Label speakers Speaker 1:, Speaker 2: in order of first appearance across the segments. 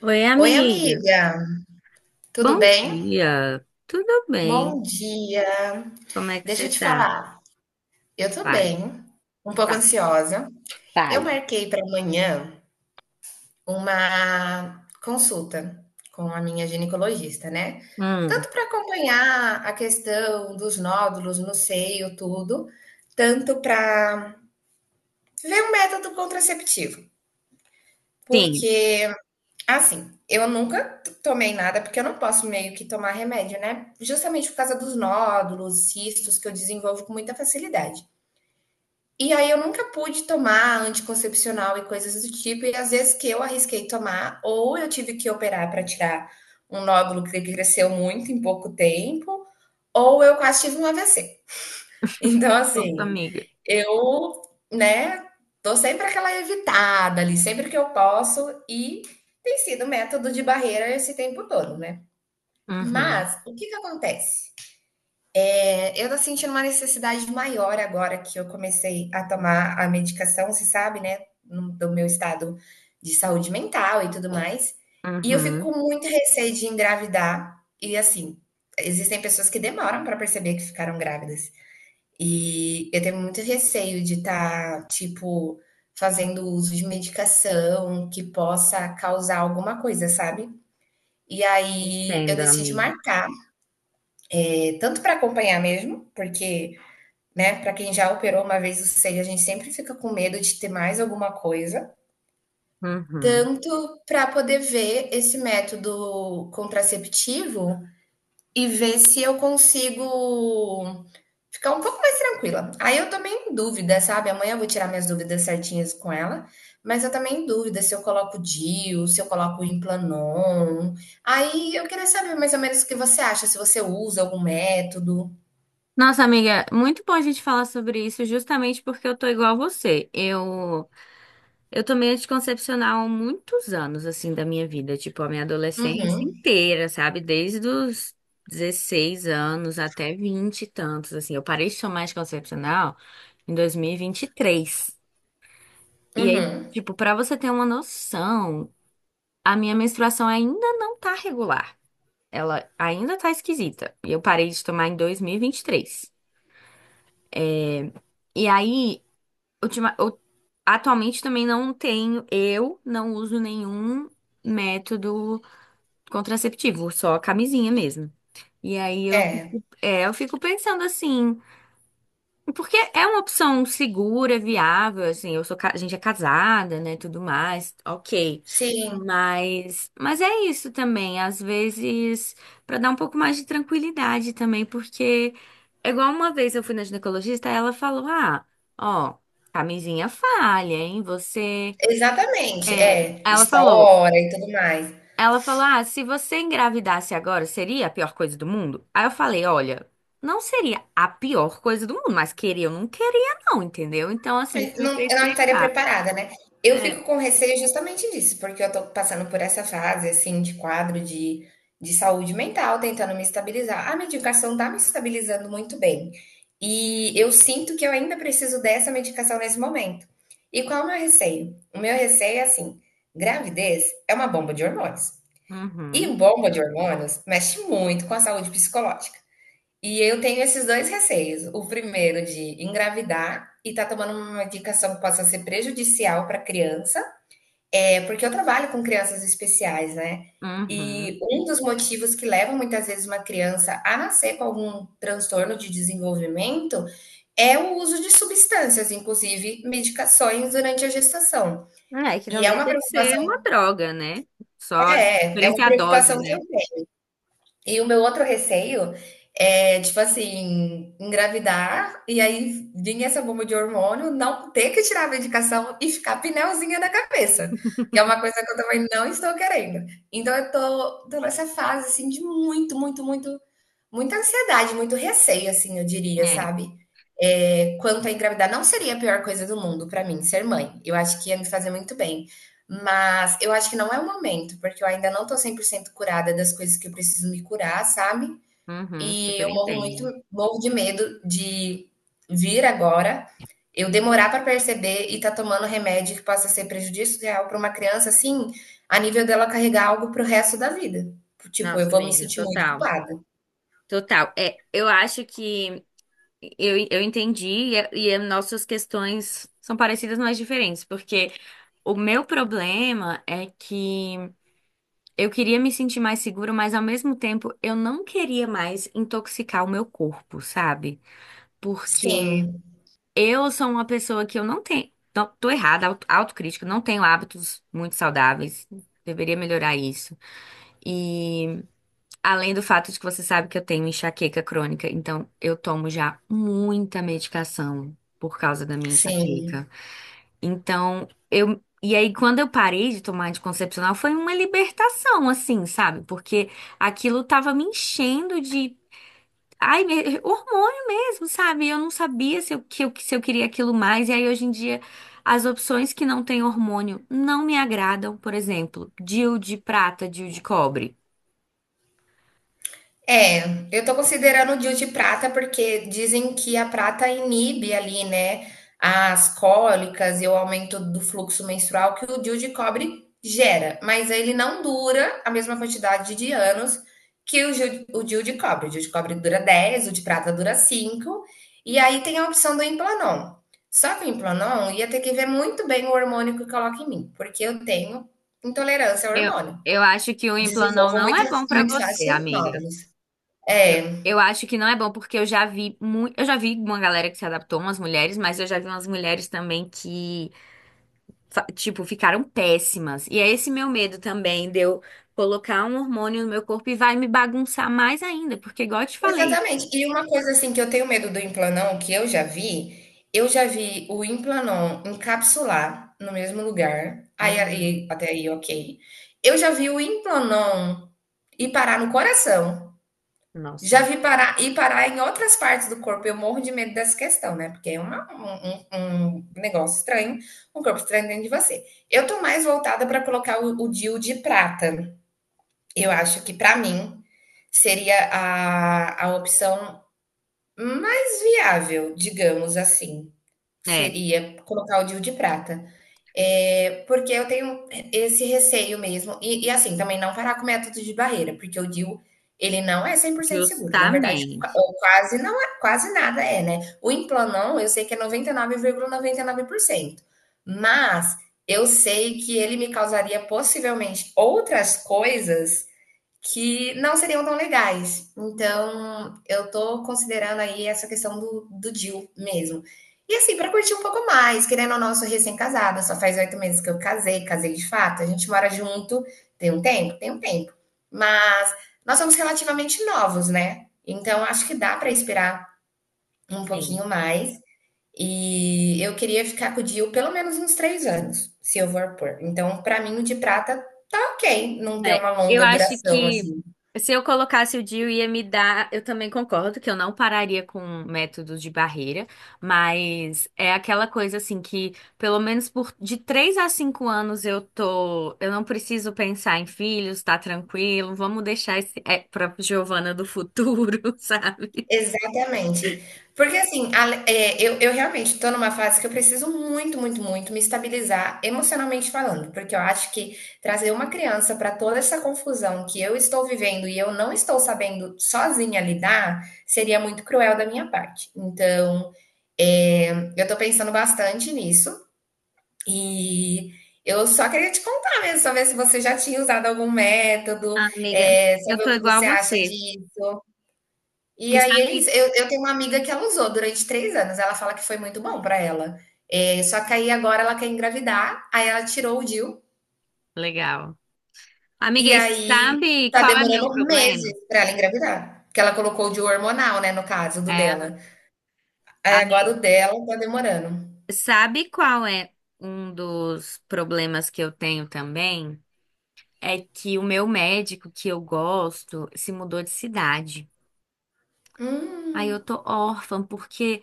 Speaker 1: Oi,
Speaker 2: Oi,
Speaker 1: amiga.
Speaker 2: amiga, tudo
Speaker 1: Bom
Speaker 2: bem?
Speaker 1: dia. Tudo
Speaker 2: Bom
Speaker 1: bem?
Speaker 2: dia.
Speaker 1: Como é que
Speaker 2: Deixa
Speaker 1: você
Speaker 2: eu te
Speaker 1: tá?
Speaker 2: falar, eu tô
Speaker 1: Vale.
Speaker 2: bem, um pouco
Speaker 1: Tá,
Speaker 2: ansiosa. Eu
Speaker 1: Talho.
Speaker 2: marquei para amanhã uma consulta com a minha ginecologista, né?
Speaker 1: Hum,
Speaker 2: Tanto para acompanhar a questão dos nódulos no seio, tudo, tanto para ver um método contraceptivo,
Speaker 1: sim.
Speaker 2: porque Assim, eu nunca tomei nada, porque eu não posso meio que tomar remédio, né? Justamente por causa dos nódulos, cistos que eu desenvolvo com muita facilidade. E aí eu nunca pude tomar anticoncepcional e coisas do tipo, e às vezes que eu arrisquei tomar, ou eu tive que operar para tirar um nódulo que cresceu muito em pouco tempo, ou eu quase tive um AVC. Então,
Speaker 1: Nossa,
Speaker 2: assim,
Speaker 1: amiga.
Speaker 2: eu, né, tô sempre aquela evitada ali, sempre que eu posso, e tem sido método de barreira esse tempo todo, né.
Speaker 1: Uhum,
Speaker 2: Mas o que que acontece? Eu tô sentindo uma necessidade maior agora que eu comecei a tomar a medicação, você sabe, né, no do meu estado de saúde mental e tudo mais, e eu fico
Speaker 1: uhum.
Speaker 2: com muito receio de engravidar e, assim, existem pessoas que demoram para perceber que ficaram grávidas. E eu tenho muito receio de estar, tipo, fazendo uso de medicação que possa causar alguma coisa, sabe? E aí eu
Speaker 1: Entendo,
Speaker 2: decidi
Speaker 1: amiga.
Speaker 2: marcar, tanto para acompanhar mesmo, porque, né, para quem já operou uma vez o seio, a gente sempre fica com medo de ter mais alguma coisa,
Speaker 1: Uhum.
Speaker 2: tanto para poder ver esse método contraceptivo e ver se eu consigo ficar um pouco mais tranquila. Aí eu tô meio em dúvida, sabe? Amanhã eu vou tirar minhas dúvidas certinhas com ela, mas eu também em dúvida se eu coloco DIU, se eu coloco Implanon. Aí eu queria saber mais ou menos o que você acha, se você usa algum método.
Speaker 1: Nossa, amiga, muito bom a gente falar sobre isso, justamente porque eu tô igual a você. Eu tomei anticoncepcional há muitos anos, assim, da minha vida, tipo, a minha adolescência
Speaker 2: Uhum,
Speaker 1: inteira, sabe? Desde os 16 anos até 20 e tantos, assim. Eu parei de tomar anticoncepcional em dois mil e vinte e três. E aí,
Speaker 2: uhum.
Speaker 1: tipo, pra você ter uma noção, a minha menstruação ainda não tá regular. Ela ainda tá esquisita. E eu parei de tomar em 2023. E vinte e três. E aí, ultima, eu- atualmente também não tenho, eu não uso nenhum método contraceptivo, só a camisinha mesmo. E aí eu,
Speaker 2: É,
Speaker 1: é, eu fico pensando assim, porque é uma opção segura, viável, assim, eu sou, a gente é casada, né, tudo mais, ok.
Speaker 2: sim,
Speaker 1: Mas é isso também, às vezes, para dar um pouco mais de tranquilidade também, porque é igual uma vez eu fui na ginecologista, ela falou: "Ah, ó, camisinha falha, hein? Você..."
Speaker 2: exatamente.
Speaker 1: é,
Speaker 2: É,
Speaker 1: ela falou,
Speaker 2: estoura e tudo mais.
Speaker 1: Ela falou: "Ah, se você engravidasse agora, seria a pior coisa do mundo?" Aí eu falei: "Olha, não seria a pior coisa do mundo, mas queria ou não queria, não, entendeu?" Então, assim,
Speaker 2: É,
Speaker 1: isso me
Speaker 2: não,
Speaker 1: fez
Speaker 2: eu não estaria
Speaker 1: pensar.
Speaker 2: preparada, né? Eu fico
Speaker 1: É.
Speaker 2: com receio justamente disso, porque eu tô passando por essa fase, assim, de quadro de saúde mental, tentando me estabilizar. A medicação tá me estabilizando muito bem. E eu sinto que eu ainda preciso dessa medicação nesse momento. E qual é o meu receio? O meu receio é assim: gravidez é uma bomba de hormônios. E
Speaker 1: Uhum,
Speaker 2: bomba de hormônios mexe muito com a saúde psicológica. E eu tenho esses dois receios. O primeiro de engravidar e tá tomando uma medicação que possa ser prejudicial para a criança, é porque eu trabalho com crianças especiais, né?
Speaker 1: uhum.
Speaker 2: E um dos motivos que levam muitas vezes uma criança a nascer com algum transtorno de desenvolvimento é o uso de substâncias, inclusive medicações durante a gestação.
Speaker 1: É que não
Speaker 2: E é uma
Speaker 1: deixa de ser uma
Speaker 2: preocupação,
Speaker 1: droga, né? Só
Speaker 2: é
Speaker 1: diferença
Speaker 2: uma
Speaker 1: é a
Speaker 2: preocupação
Speaker 1: dose,
Speaker 2: que eu.
Speaker 1: né?
Speaker 2: E o meu outro receio é, tipo assim, engravidar e aí vir essa bomba de hormônio, não ter que tirar a medicação e ficar pneuzinha da cabeça, que é uma coisa que eu também não estou querendo. Então eu tô nessa fase assim de muito, muito, muito, muita ansiedade, muito receio, assim, eu diria,
Speaker 1: É.
Speaker 2: sabe. Quanto a engravidar, não seria a pior coisa do mundo para mim ser mãe, eu acho que ia me fazer muito bem, mas eu acho que não é o momento, porque eu ainda não tô 100% curada das coisas que eu preciso me curar, sabe.
Speaker 1: Uhum,
Speaker 2: E eu
Speaker 1: super entendo.
Speaker 2: morro de medo de vir agora, eu demorar para perceber e tá tomando remédio que possa ser prejudicial para uma criança, assim, a nível dela carregar algo para o resto da vida. Tipo, eu
Speaker 1: Nossa,
Speaker 2: vou me
Speaker 1: amiga,
Speaker 2: sentir muito
Speaker 1: total.
Speaker 2: culpada.
Speaker 1: Total. É, eu acho que eu entendi e as nossas questões são parecidas, mas diferentes, porque. O meu problema é que eu queria me sentir mais segura, mas ao mesmo tempo eu não queria mais intoxicar o meu corpo, sabe? Porque
Speaker 2: Sim.
Speaker 1: eu sou uma pessoa que eu não tenho. Não, tô errada, autocrítica, não tenho hábitos muito saudáveis. Deveria melhorar isso. E além do fato de que você sabe que eu tenho enxaqueca crônica, então eu tomo já muita medicação por causa da minha
Speaker 2: Sim.
Speaker 1: enxaqueca. Então, eu. E aí, quando eu parei de tomar anticoncepcional, foi uma libertação, assim, sabe? Porque aquilo tava me enchendo de. Ai, hormônio mesmo, sabe? Eu não sabia se eu, que eu, se eu queria aquilo mais. E aí, hoje em dia, as opções que não têm hormônio não me agradam. Por exemplo, DIU de prata, DIU de cobre.
Speaker 2: É, eu tô considerando o DIU de prata, porque dizem que a prata inibe ali, né, as cólicas e o aumento do fluxo menstrual que o DIU de cobre gera, mas ele não dura a mesma quantidade de anos que o DIU de cobre. O DIU de cobre dura 10, o de prata dura 5. E aí tem a opção do Implanon. Só que o Implanon ia ter que ver muito bem o hormônio que coloca em mim, porque eu tenho intolerância ao
Speaker 1: Eu,
Speaker 2: hormônio.
Speaker 1: eu acho que o Implanão
Speaker 2: Desenvolvam
Speaker 1: não
Speaker 2: muito,
Speaker 1: é bom pra
Speaker 2: muito
Speaker 1: você,
Speaker 2: fácil os
Speaker 1: amiga.
Speaker 2: nódulos.
Speaker 1: Eu,
Speaker 2: É,
Speaker 1: eu acho que não é bom, porque eu já vi muito. Eu já vi uma galera que se adaptou, umas mulheres, mas eu já vi umas mulheres também que, tipo, ficaram péssimas. E é esse meu medo também, de eu colocar um hormônio no meu corpo e vai me bagunçar mais ainda, porque, igual eu te falei.
Speaker 2: exatamente. E uma coisa assim que eu tenho medo do implanon, que eu já vi o implanon encapsular no mesmo lugar, aí,
Speaker 1: Hum,
Speaker 2: até aí ok. Eu já vi o implanon ir parar no coração. Já
Speaker 1: nossa.
Speaker 2: vi parar ir parar em outras partes do corpo. Eu morro de medo dessa questão, né? Porque é um negócio estranho, um corpo estranho dentro de você. Eu tô mais voltada para colocar o DIU de prata. Eu acho que para mim seria a opção mais viável, digamos assim,
Speaker 1: É,
Speaker 2: seria colocar o DIU de prata. É, porque eu tenho esse receio mesmo, e assim, também não parar com o método de barreira, porque o DIU, ele não é cem por cento seguro, na verdade,
Speaker 1: justamente.
Speaker 2: ou quase não é, quase nada é, né? O Implanon, eu sei que é noventa e nove vírgula noventa e nove por cento, mas eu sei que ele me causaria possivelmente outras coisas que não seriam tão legais. Então, eu tô considerando aí essa questão do deal mesmo. E assim, para curtir um pouco mais, querendo ou não, eu sou recém-casada, só faz 8 meses que eu casei, casei de fato, a gente mora junto, tem um tempo? Tem um tempo. Mas nós somos relativamente novos, né? Então, acho que dá para esperar um pouquinho mais. E eu queria ficar com o Dio pelo menos uns 3 anos, se eu for pôr. Então, para mim, o de prata tá ok, não ter
Speaker 1: É,
Speaker 2: uma
Speaker 1: eu
Speaker 2: longa
Speaker 1: acho
Speaker 2: duração
Speaker 1: que
Speaker 2: assim.
Speaker 1: se eu colocasse o DIU ia me dar. Eu também concordo que eu não pararia com métodos de barreira, mas é aquela coisa assim que, pelo menos por de 3 a 5 anos, eu tô. Eu não preciso pensar em filhos, tá tranquilo, vamos deixar esse é, pra Giovana do futuro, sabe?
Speaker 2: Exatamente. Porque assim, eu realmente estou numa fase que eu preciso muito, muito, muito me estabilizar emocionalmente falando, porque eu acho que trazer uma criança para toda essa confusão que eu estou vivendo e eu não estou sabendo sozinha lidar, seria muito cruel da minha parte. Então, eh, eu estou pensando bastante nisso e eu só queria te contar mesmo, só ver se você já tinha usado algum método,
Speaker 1: Ah, amiga, eu
Speaker 2: saber
Speaker 1: tô
Speaker 2: o que
Speaker 1: igual a
Speaker 2: você acha.
Speaker 1: você.
Speaker 2: De E
Speaker 1: E
Speaker 2: aí,
Speaker 1: sabe?
Speaker 2: eu tenho uma amiga que ela usou durante 3 anos, ela fala que foi muito bom pra ela. Só que aí agora ela quer engravidar, aí ela tirou o DIU,
Speaker 1: Legal. Amiga,
Speaker 2: e
Speaker 1: e você
Speaker 2: aí
Speaker 1: sabe
Speaker 2: tá
Speaker 1: qual é meu
Speaker 2: demorando meses
Speaker 1: problema?
Speaker 2: pra ela engravidar, porque ela colocou o DIU hormonal, né, no caso do
Speaker 1: É.
Speaker 2: dela. Aí agora o dela tá demorando.
Speaker 1: Sabe qual é um dos problemas que eu tenho também? É que o meu médico que eu gosto se mudou de cidade. Aí
Speaker 2: Hum,
Speaker 1: eu tô órfã, porque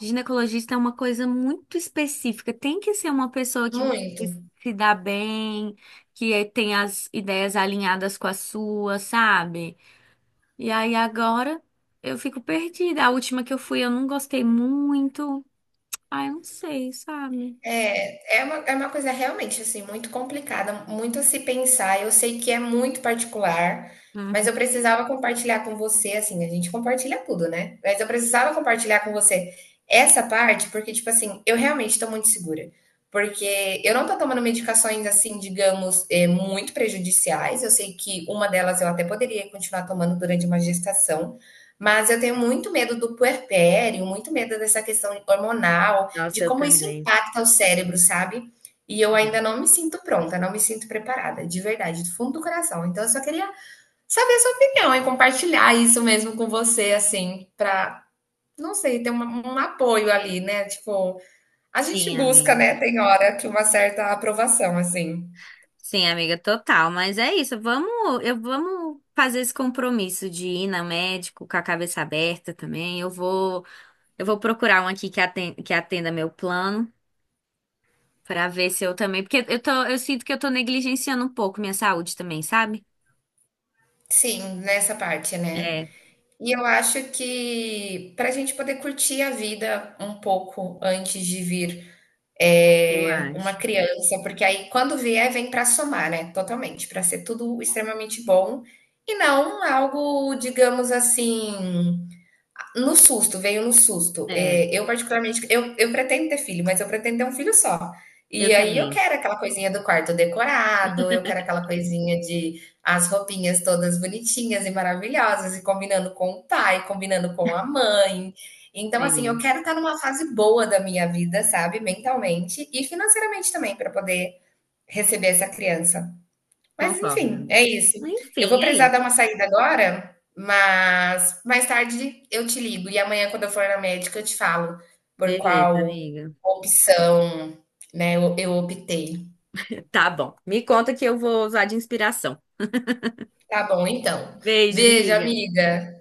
Speaker 1: ginecologista é uma coisa muito específica. Tem que ser uma pessoa que
Speaker 2: muito.
Speaker 1: você se dá bem, que tem as ideias alinhadas com a sua, sabe? E aí agora eu fico perdida. A última que eu fui, eu não gostei muito. Ai, eu não sei, sabe?
Speaker 2: É, é uma coisa realmente assim muito complicada, muito a se pensar. Eu sei que é muito particular, mas eu
Speaker 1: Uhum.
Speaker 2: precisava compartilhar com você, assim, a gente compartilha tudo, né? Mas eu precisava compartilhar com você essa parte, porque, tipo assim, eu realmente estou muito segura. Porque eu não tô tomando medicações, assim, digamos, muito prejudiciais. Eu sei que uma delas eu até poderia continuar tomando durante uma gestação, mas eu tenho muito medo do puerpério, muito medo dessa questão hormonal
Speaker 1: Nossa,
Speaker 2: de
Speaker 1: eu
Speaker 2: como isso
Speaker 1: também.
Speaker 2: impacta o cérebro, sabe? E eu ainda não me sinto pronta, não me sinto preparada, de verdade, do fundo do coração. Então eu só queria saber a sua opinião e compartilhar isso mesmo com você, assim, para não sei, ter um apoio ali, né? Tipo, a gente
Speaker 1: Sim,
Speaker 2: busca,
Speaker 1: amiga.
Speaker 2: né? Tem hora que uma certa aprovação, assim.
Speaker 1: Sim, amiga, total. Mas é isso. Vamos, eu vamos fazer esse compromisso de ir na médico com a cabeça aberta também. Eu vou procurar um aqui que atenda meu plano pra ver se eu também, porque eu tô, eu sinto que eu tô negligenciando um pouco minha saúde também, sabe?
Speaker 2: Sim, nessa parte, né?
Speaker 1: É,
Speaker 2: E eu acho que para a gente poder curtir a vida um pouco antes de vir
Speaker 1: eu
Speaker 2: uma
Speaker 1: acho.
Speaker 2: criança, porque aí quando vier, vem para somar, né? Totalmente, para ser tudo extremamente bom e não algo, digamos assim, no susto, veio no susto.
Speaker 1: É,
Speaker 2: É, eu particularmente, eu pretendo ter filho, mas eu pretendo ter um filho só. E
Speaker 1: eu
Speaker 2: aí eu
Speaker 1: também.
Speaker 2: quero aquela coisinha do quarto decorado, eu quero aquela coisinha de as roupinhas todas bonitinhas e maravilhosas, e combinando com o pai, combinando com a mãe. Então, assim, eu
Speaker 1: Sim,
Speaker 2: quero estar numa fase boa da minha vida, sabe? Mentalmente e financeiramente também, para poder receber essa criança. Mas
Speaker 1: concordo,
Speaker 2: enfim, é
Speaker 1: amiga.
Speaker 2: isso. Eu vou
Speaker 1: Enfim, é
Speaker 2: precisar
Speaker 1: isso.
Speaker 2: dar uma saída agora, mas mais tarde eu te ligo. E amanhã, quando eu for na médica, eu te falo por
Speaker 1: Beleza,
Speaker 2: qual
Speaker 1: amiga.
Speaker 2: opção, né, eu optei.
Speaker 1: Tá bom. Me conta que eu vou usar de inspiração.
Speaker 2: Tá bom, então.
Speaker 1: Beijo,
Speaker 2: Beijo,
Speaker 1: amiga.
Speaker 2: amiga.